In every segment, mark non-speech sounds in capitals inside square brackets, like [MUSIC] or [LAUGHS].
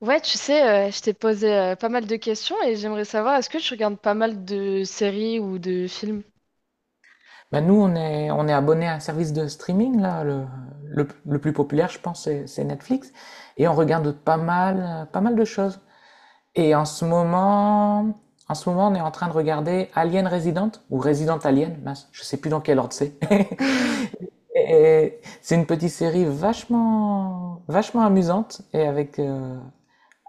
Ouais, tu sais, je t'ai posé pas mal de questions et j'aimerais savoir, est-ce que tu regardes pas mal de séries ou de films? Bah, nous, on est abonné à un service de streaming, là, le plus populaire, je pense, c'est Netflix. Et on regarde pas mal de choses. Et en ce moment, on est en train de regarder Alien Resident, ou Resident Alien, mince, je sais plus dans quel ordre c'est. [LAUGHS] [LAUGHS] Et c'est une petite série vachement, vachement amusante et avec, euh,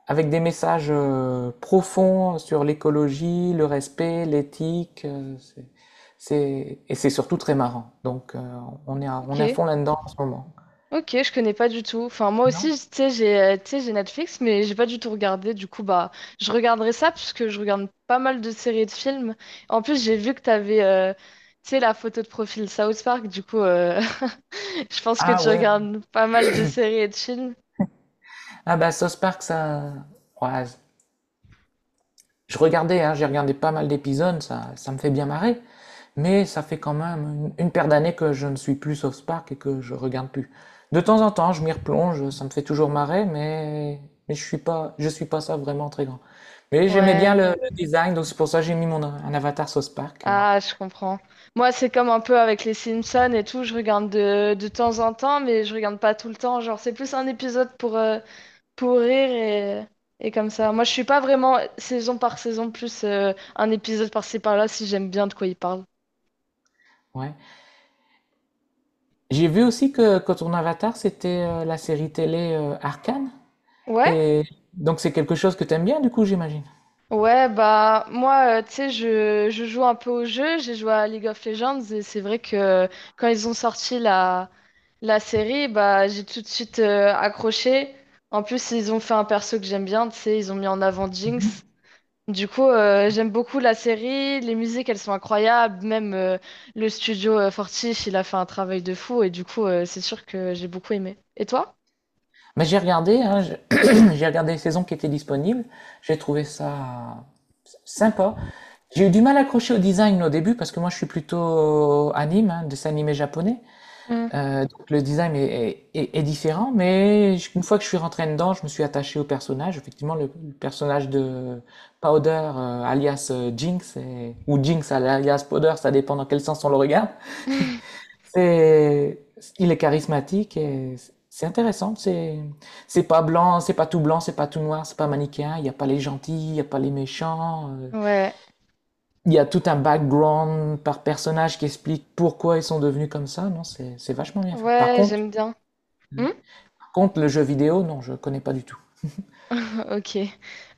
avec des messages profonds sur l'écologie, le respect, l'éthique. Et c'est surtout très marrant. Donc, on est à, Ok, on est à fond là-dedans en ce moment. ok, je connais pas du tout. Enfin, moi aussi, Non? Tu sais, j'ai Netflix, mais j'ai pas du tout regardé. Du coup, bah, je regarderai ça parce que je regarde pas mal de séries et de films. En plus, j'ai vu que t'avais, tu sais, la photo de profil South Park. Du coup, [LAUGHS] je pense que Ah tu ouais. regardes pas mal de séries et de films. Ah bah, South Park, ça. Ouais, je regardais, hein, j'ai regardé pas mal d'épisodes, ça me fait bien marrer. Mais ça fait quand même une paire d'années que je ne suis plus South Park et que je regarde plus. De temps en temps, je m'y replonge, ça me fait toujours marrer, mais je suis pas ça vraiment très grand. Mais j'aimais bien le, Ouais. le design, donc c'est pour ça que j'ai mis mon un avatar South Park. Ah, je comprends. Moi, c'est comme un peu avec les Simpsons et tout, je regarde de temps en temps, mais je regarde pas tout le temps. Genre, c'est plus un épisode pour rire et comme ça. Moi, je suis pas vraiment saison par saison, plus un épisode par-ci par-là si j'aime bien de quoi ils parlent. Ouais. J'ai vu aussi que ton avatar, c'était la série télé Arcane. Ouais? Et donc c'est quelque chose que t'aimes bien, du coup, j'imagine. Ouais, bah, moi, tu sais, je joue un peu au jeu, j'ai joué à League of Legends et c'est vrai que quand ils ont sorti la série, bah, j'ai tout de suite accroché. En plus, ils ont fait un perso que j'aime bien, tu sais, ils ont mis en avant Jinx. Du coup, j'aime beaucoup la série, les musiques, elles sont incroyables, même le studio Fortiche, il a fait un travail de fou, et du coup, c'est sûr que j'ai beaucoup aimé. Et toi? Mais j'ai regardé, hein, j'ai [CLEARS THROAT] j'ai regardé les saisons qui étaient disponibles. J'ai trouvé ça sympa. J'ai eu du mal à accrocher au design au début parce que moi je suis plutôt anime, hein, dessin animé japonais. Hmm. Donc le design est différent, mais une fois que je suis rentré dedans, je me suis attaché au personnage. Effectivement, le personnage de Powder, alias Jinx, ou Jinx alias Powder, ça dépend dans quel sens on le regarde. [LAUGHS] C'est, il est charismatique et c'est intéressant. C'est pas blanc, c'est pas tout blanc, c'est pas tout noir, c'est pas manichéen. Il n'y a pas les gentils, il n'y a pas les méchants. Ouais, Il y a tout un background par personnage qui explique pourquoi ils sont devenus comme ça. Non, c'est vachement bien fait. Par ouais, contre, j'aime bien. par contre, le jeu vidéo, non, je connais pas du tout. Ok.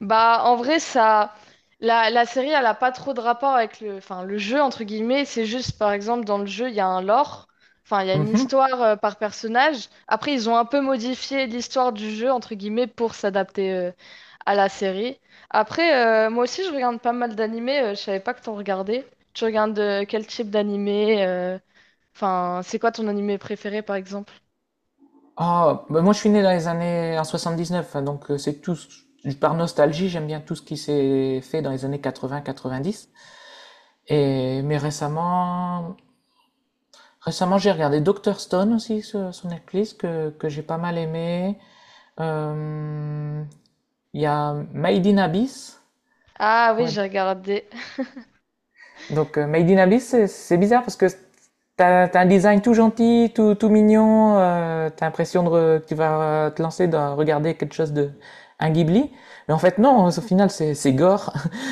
Bah, en vrai, ça, la série, elle a pas trop de rapport avec le, enfin, le jeu, entre guillemets. C'est juste, par exemple, dans le jeu, il y a un lore. Enfin, il y a une Mhm. histoire par personnage. Après, ils ont un peu modifié l'histoire du jeu, entre guillemets, pour s'adapter à la série. Après, moi aussi, je regarde pas mal d'animés. Je savais pas que t'en regardais. Tu regardes quel type d'animé Enfin, c'est quoi ton animé préféré, par exemple? Ah, bah moi je suis né dans les années en 79, hein, donc c'est tout. Par nostalgie, j'aime bien tout ce qui s'est fait dans les années 80-90. Et mais récemment j'ai regardé Doctor Stone aussi sur Netflix que j'ai pas mal aimé. Euh, Il y a Made in Abyss. Ah oui, Quoi? j'ai regardé. Donc, Made in Abyss, c'est bizarre parce que t'as un design tout gentil, tout mignon, t'as l'impression de que tu vas te lancer dans regarder quelque chose de un Ghibli, mais en fait non, au final c'est gore. [LAUGHS]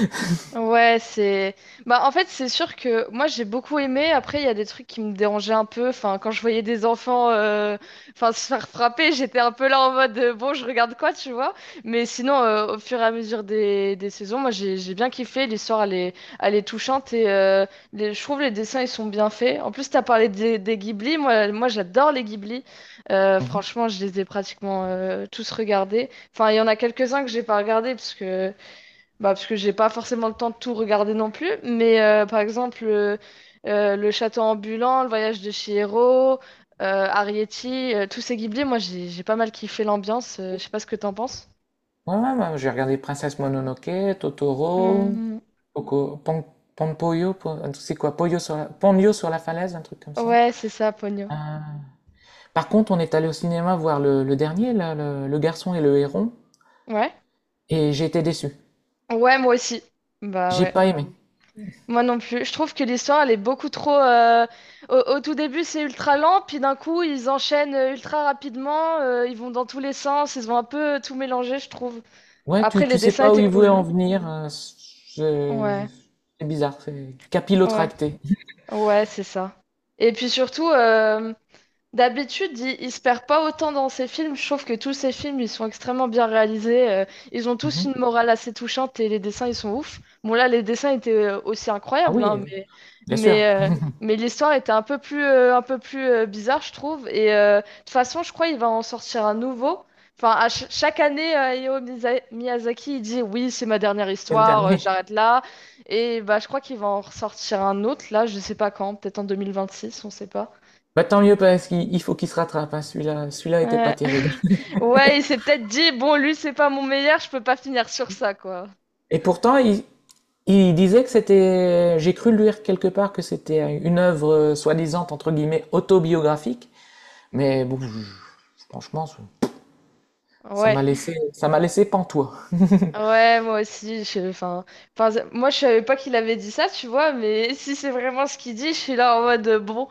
Ouais, c'est. Bah, en fait, c'est sûr que moi, j'ai beaucoup aimé. Après, il y a des trucs qui me dérangeaient un peu. Enfin, quand je voyais des enfants enfin, se faire frapper, j'étais un peu là en mode bon, je regarde quoi, tu vois. Mais sinon, au fur et à mesure des saisons, moi, j'ai bien kiffé. L'histoire, elle est touchante et je trouve les dessins, ils sont bien faits. En plus, t'as parlé des Ghibli. Moi, moi j'adore les Ghibli. Euh, Mhm. franchement, je les ai pratiquement tous regardés. Enfin, il y en a quelques-uns que j'ai pas regardés parce que. Bah, parce que j'ai pas forcément le temps de tout regarder non plus, mais par exemple, Le Château ambulant, Le Voyage de Chihiro, Arrietty, tous ces Ghibli, moi j'ai pas mal kiffé l'ambiance. Je sais pas ce que t'en penses. Ouais, ouais, ouais, j'ai regardé Princesse Mononoke, Totoro, Hmm, Poco, Pon, Ponpoyo, Po- c'est quoi, Ponyo sur la falaise, un truc comme ça. ouais, c'est ça, Ponyo. Euh, Par contre, on est allé au cinéma voir le dernier, là, le garçon et le héron, Ouais. et j'ai été déçu. Ouais, moi aussi. Bah J'ai ouais. pas aimé. Moi non plus. Je trouve que l'histoire, elle est beaucoup trop. Au tout début, c'est ultra lent, puis d'un coup, ils enchaînent ultra rapidement. Ils vont dans tous les sens. Ils ont un peu tout mélangé, je trouve. Ouais, Après, tu les sais dessins pas où étaient il voulait cool. en venir. Je- Ouais. C'est bizarre, c'est Ouais, capillotracté. ouais, c'est ça. Et puis surtout, D'habitude, il se perd pas autant dans ses films. Je trouve que tous ses films, ils sont extrêmement bien réalisés. Ils ont tous Mhm. une morale assez touchante et les dessins, ils sont ouf. Bon, là, les dessins étaient aussi Ah incroyables, oui, hein, bien sûr, mais, euh, mais l'histoire était un peu plus bizarre, je trouve. Et de toute façon, je crois qu'il va en sortir un nouveau. Enfin, à chaque année, Miyazaki, il dit, oui, c'est ma dernière c'est le histoire, dernier. j'arrête là. Et bah, je crois qu'il va en ressortir un autre, là, je sais pas quand, peut-être en 2026, on sait pas. Bah tant mieux parce qu'il il faut qu'il se rattrape, hein. Celui-là était pas Ouais. terrible. [LAUGHS] Ouais, il s'est peut-être dit, bon, lui, c'est pas mon meilleur, je peux pas finir sur ça, quoi. Et pourtant, il disait que c'était. J'ai cru lire quelque part que c'était une œuvre soi-disant entre guillemets autobiographique. Mais bon, franchement, Ouais. Ça m'a laissé pantois. [LAUGHS] Ouais, moi aussi, je... enfin, enfin, c'est- moi, je savais pas qu'il avait dit ça, tu vois, mais [LAUGHS] si c'est vraiment ce qu'il dit, je suis là en mode, bon,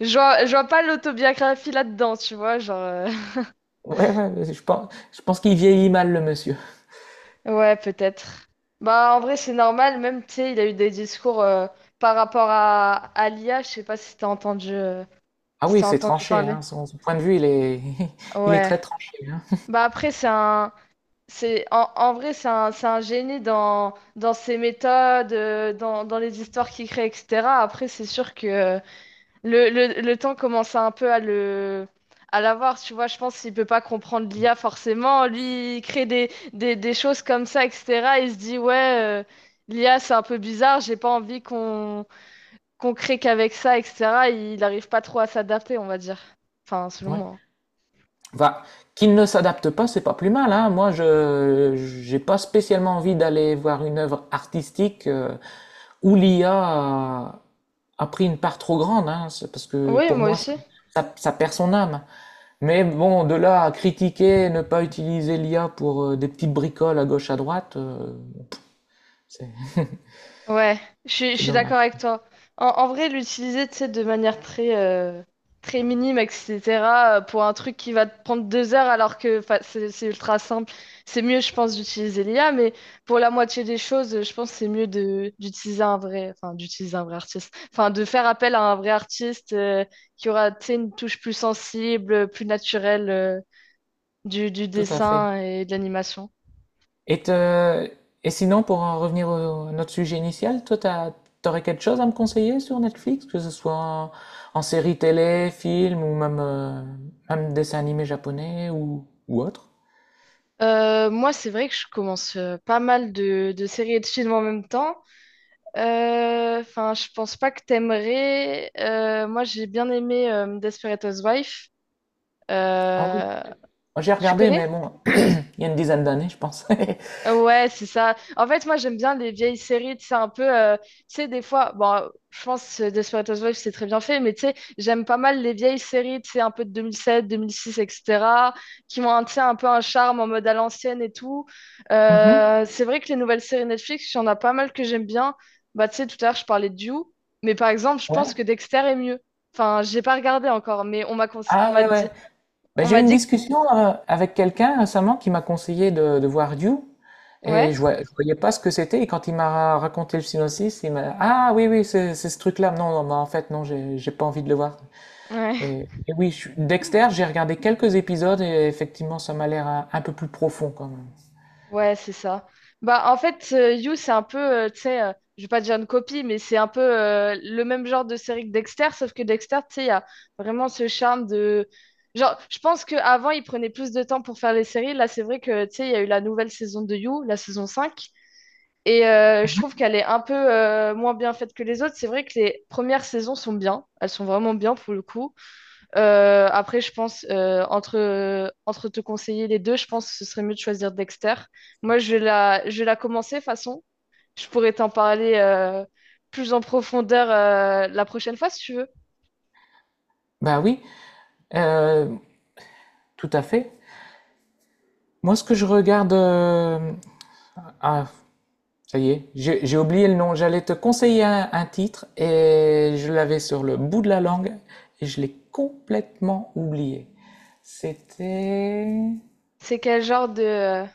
je vois pas l'autobiographie là-dedans, tu vois, genre... [LAUGHS] Ouais, ouais, je pense qu'il vieillit mal le monsieur. Ouais, peut-être. Bah, en vrai, c'est normal, même, tu sais, il a eu des discours par rapport à l'IA, je sais pas Ah si oui, t'as c'est entendu tranché, parler. hein, son point de vue, il est [LAUGHS] il est Ouais. très tranché, hein. Bah, après, c'est un... C'est, en vrai, c'est un génie dans ses méthodes, dans les histoires qu'il crée, etc. Après, c'est sûr que le temps commence un peu à l'avoir, tu vois. Je pense qu'il peut pas comprendre l'IA forcément. Lui, il crée des choses comme ça, etc. Il se dit, ouais, l'IA, c'est un peu bizarre, j'ai pas envie qu'on crée qu'avec ça, etc. Il n'arrive pas trop à s'adapter, on va dire. Enfin, selon Ouais. moi. Enfin, qu'il ne s'adapte pas, c'est pas plus mal, hein. Moi, je j'ai pas spécialement envie d'aller voir une œuvre artistique, où l'IA a pris une part trop grande, hein. C'est parce que Oui, pour moi moi, ça aussi. ça ça perd son âme. Mais bon, de là à critiquer, ne pas utiliser l'IA pour des petites bricoles à gauche à droite, c'est Ouais, je suis, je c'est suis d'accord dommage. avec toi. En vrai, l'utiliser, tu sais, de manière très, très minime, etc., pour un truc qui va te prendre 2 heures alors que 'fin, c'est ultra simple. C'est mieux, je pense, d'utiliser l'IA, mais pour la moitié des choses, je pense que c'est mieux de d'utiliser un vrai, enfin, d'utiliser un vrai artiste. Enfin, de faire appel à un vrai artiste qui aura, tu sais, une touche plus sensible, plus naturelle du Tout à fait. dessin et de l'animation. Et, te- et sinon, pour en revenir à notre sujet initial, toi, t'aurais quelque chose à me conseiller sur Netflix, que ce soit en série télé, film ou même dessin animé japonais ou autre? Moi, c'est vrai que je commence pas mal de séries et de films en même temps. Enfin, je pense pas que t'aimerais. Moi, j'ai bien aimé Desperate Housewives. Ah oui, Euh, moi, j'ai tu regardé, connais? mais bon, [CLEARS THROAT] il y a une dizaine d'années, je pense. [LAUGHS] Ouais, c'est ça. En fait, moi, j'aime bien les vieilles séries. C'est un peu, tu sais, des fois, bon, je pense que Desperate Housewives, c'est très bien fait, mais tu sais, j'aime pas mal les vieilles séries, tu sais, un peu de 2007, 2006, etc., qui ont un, tu sais, un peu un charme en mode à l'ancienne et tout. Mhm. C'est vrai que les nouvelles séries Netflix, il y en a pas mal que j'aime bien. Bah, tu sais, tout à l'heure, je parlais de You, mais par exemple, je pense Ouais. que Dexter est mieux. Enfin, j'ai pas regardé encore, mais on Ah m'a ouais, dit, ouais. Ben, on j'ai eu m'a une dit, que- discussion avec quelqu'un récemment qui m'a conseillé de voir Dune et ouais, je voyais pas ce que c'était et quand il m'a raconté le synopsis, il m'a Ah oui oui c'est ce truc-là. Non, non ben, en fait non j'ai pas envie de le voir. ouais. Et oui, Dexter, j'ai regardé quelques épisodes et effectivement ça m'a l'air un peu plus profond quand même. Ouais, c'est ça. Bah, en fait, You, c'est un peu, tu sais, je vais pas dire une copie, mais c'est un peu le même genre de série que Dexter, sauf que Dexter, tu sais, il y a vraiment ce charme de... Genre, je pense qu'avant, il prenait plus de temps pour faire les séries. Là, c'est vrai que, tu sais, il y a eu la nouvelle saison de You, la saison 5 et je trouve qu'elle est un peu moins bien faite que les autres. C'est vrai que les premières saisons sont bien, elles sont vraiment bien pour le coup. Après, je pense, entre te conseiller les deux, je pense que ce serait mieux de choisir Dexter. Moi, je vais la commencer, de toute façon. Je pourrais t'en parler plus en profondeur la prochaine fois, si tu veux. Bah oui, euh, tout à fait. Moi ce que je regarde, ah, ça y est, j'ai oublié le nom. J'allais te conseiller un titre et je l'avais sur le bout de la langue et je l'ai complètement oublié. C'était... C'est quel genre de...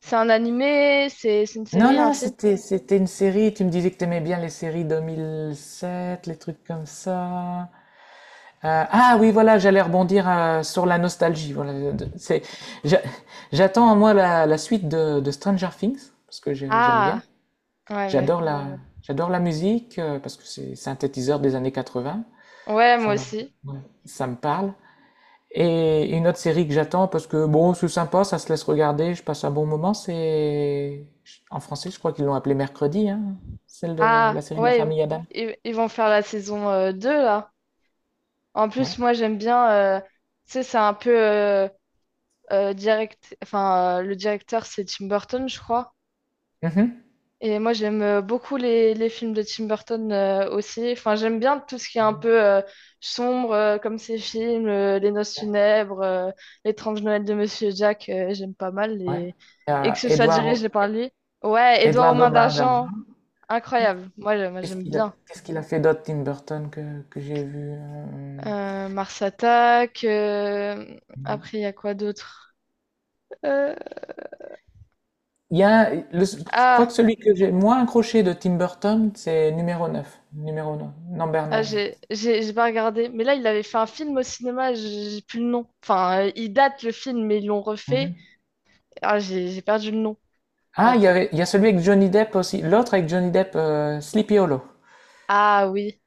C'est un animé? C'est une Non, série, un non, film? c'était une série. Tu me disais que tu aimais bien les séries 2007, les trucs comme ça. Ah oui, voilà, j'allais rebondir sur la nostalgie. Voilà, j'a- j'attends moi la suite de Stranger Things parce que j'aime bien. Ah, ouais, mais... Ouais. J'adore la musique parce que c'est synthétiseur des années 80. Ouais, Ça moi me, aussi. ouais, ça me parle. Et une autre série que j'attends parce que bon, c'est sympa, ça se laisse regarder, je passe un bon moment. C'est en français, je crois qu'ils l'ont appelée Mercredi, hein, celle de Ah, la série de la ouais, famille Adam. ils vont faire la saison 2, là. En Ouais. plus, moi, j'aime bien... Tu sais, c'est un peu... direct, enfin, le directeur, c'est Tim Burton, je crois. Mhm. Et moi, j'aime beaucoup les films de Tim Burton aussi. Enfin, j'aime bien tout ce qui est un peu sombre, comme ces films, Les Noces funèbres, L'étrange Noël de Monsieur Jack, j'aime pas mal. Ouais. Et Euh, que ce soit Edouard, dirigé par lui. Ouais, Édouard aux Edouard mains Domain d'argent, d'Argent. incroyable. Moi, moi, Qu'est-ce j'aime qu'il a, bien. qu'est-ce qu'il a fait d'autre, Tim Burton, que j'ai vu. Mars Attack, après, il y a quoi d'autre? Euh, Il y a, je crois que Ah, celui que j'ai moins accroché de Tim Burton, c'est numéro 9 numéro 9, number Ah, j'ai pas regardé. Mais là, il avait fait un film au cinéma, j'ai plus le nom. Enfin, il date le film, mais ils l'ont refait. 9. Ah, j'ai perdu le nom. Ah, il y Attends. avait, il y a celui avec Johnny Depp aussi. L'autre avec Johnny Depp, Sleepy Hollow. Ah oui.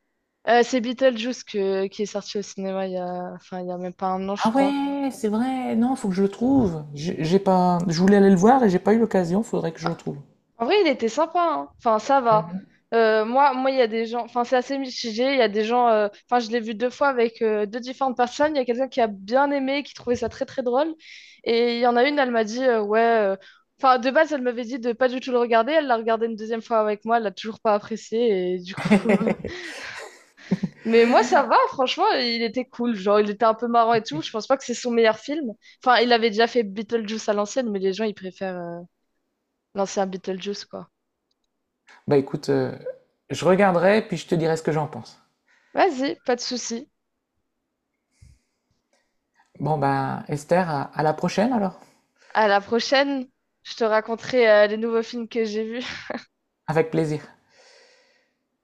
C'est Beetlejuice qui est sorti au cinéma il y a, enfin, il y a même pas un an, Ah je crois. ouais, c'est vrai. Non, faut que je le trouve. J'ai pas, je voulais aller le voir et j'ai pas eu l'occasion. Faudrait que je le Ah, trouve. en vrai, il était sympa, hein. Enfin, ça va. Mhm. Moi, il y a des gens. Enfin, c'est assez mitigé. Il y a des gens. Enfin, je l'ai vu deux fois avec deux différentes personnes. Il y a quelqu'un qui a bien aimé, qui trouvait ça très très drôle. Et il y en a une, elle m'a dit ouais. Enfin, de base, elle m'avait dit de pas du tout le regarder. Elle l'a regardé une deuxième fois avec moi. Elle l'a toujours pas apprécié. Et du coup. [LAUGHS] [LAUGHS] Mais moi, ça va. Franchement, il était cool. Genre, il était un peu marrant et tout. Je pense pas que c'est son meilleur film. Enfin, il avait déjà fait Beetlejuice à l'ancienne, mais les gens, ils préfèrent l'ancien Beetlejuice, quoi. Bah écoute, je regarderai puis je te dirai ce que j'en pense. Vas-y, pas de souci. Bon bah Esther, à la prochaine alors. À la prochaine, je te raconterai les nouveaux films que j'ai vus. Avec plaisir.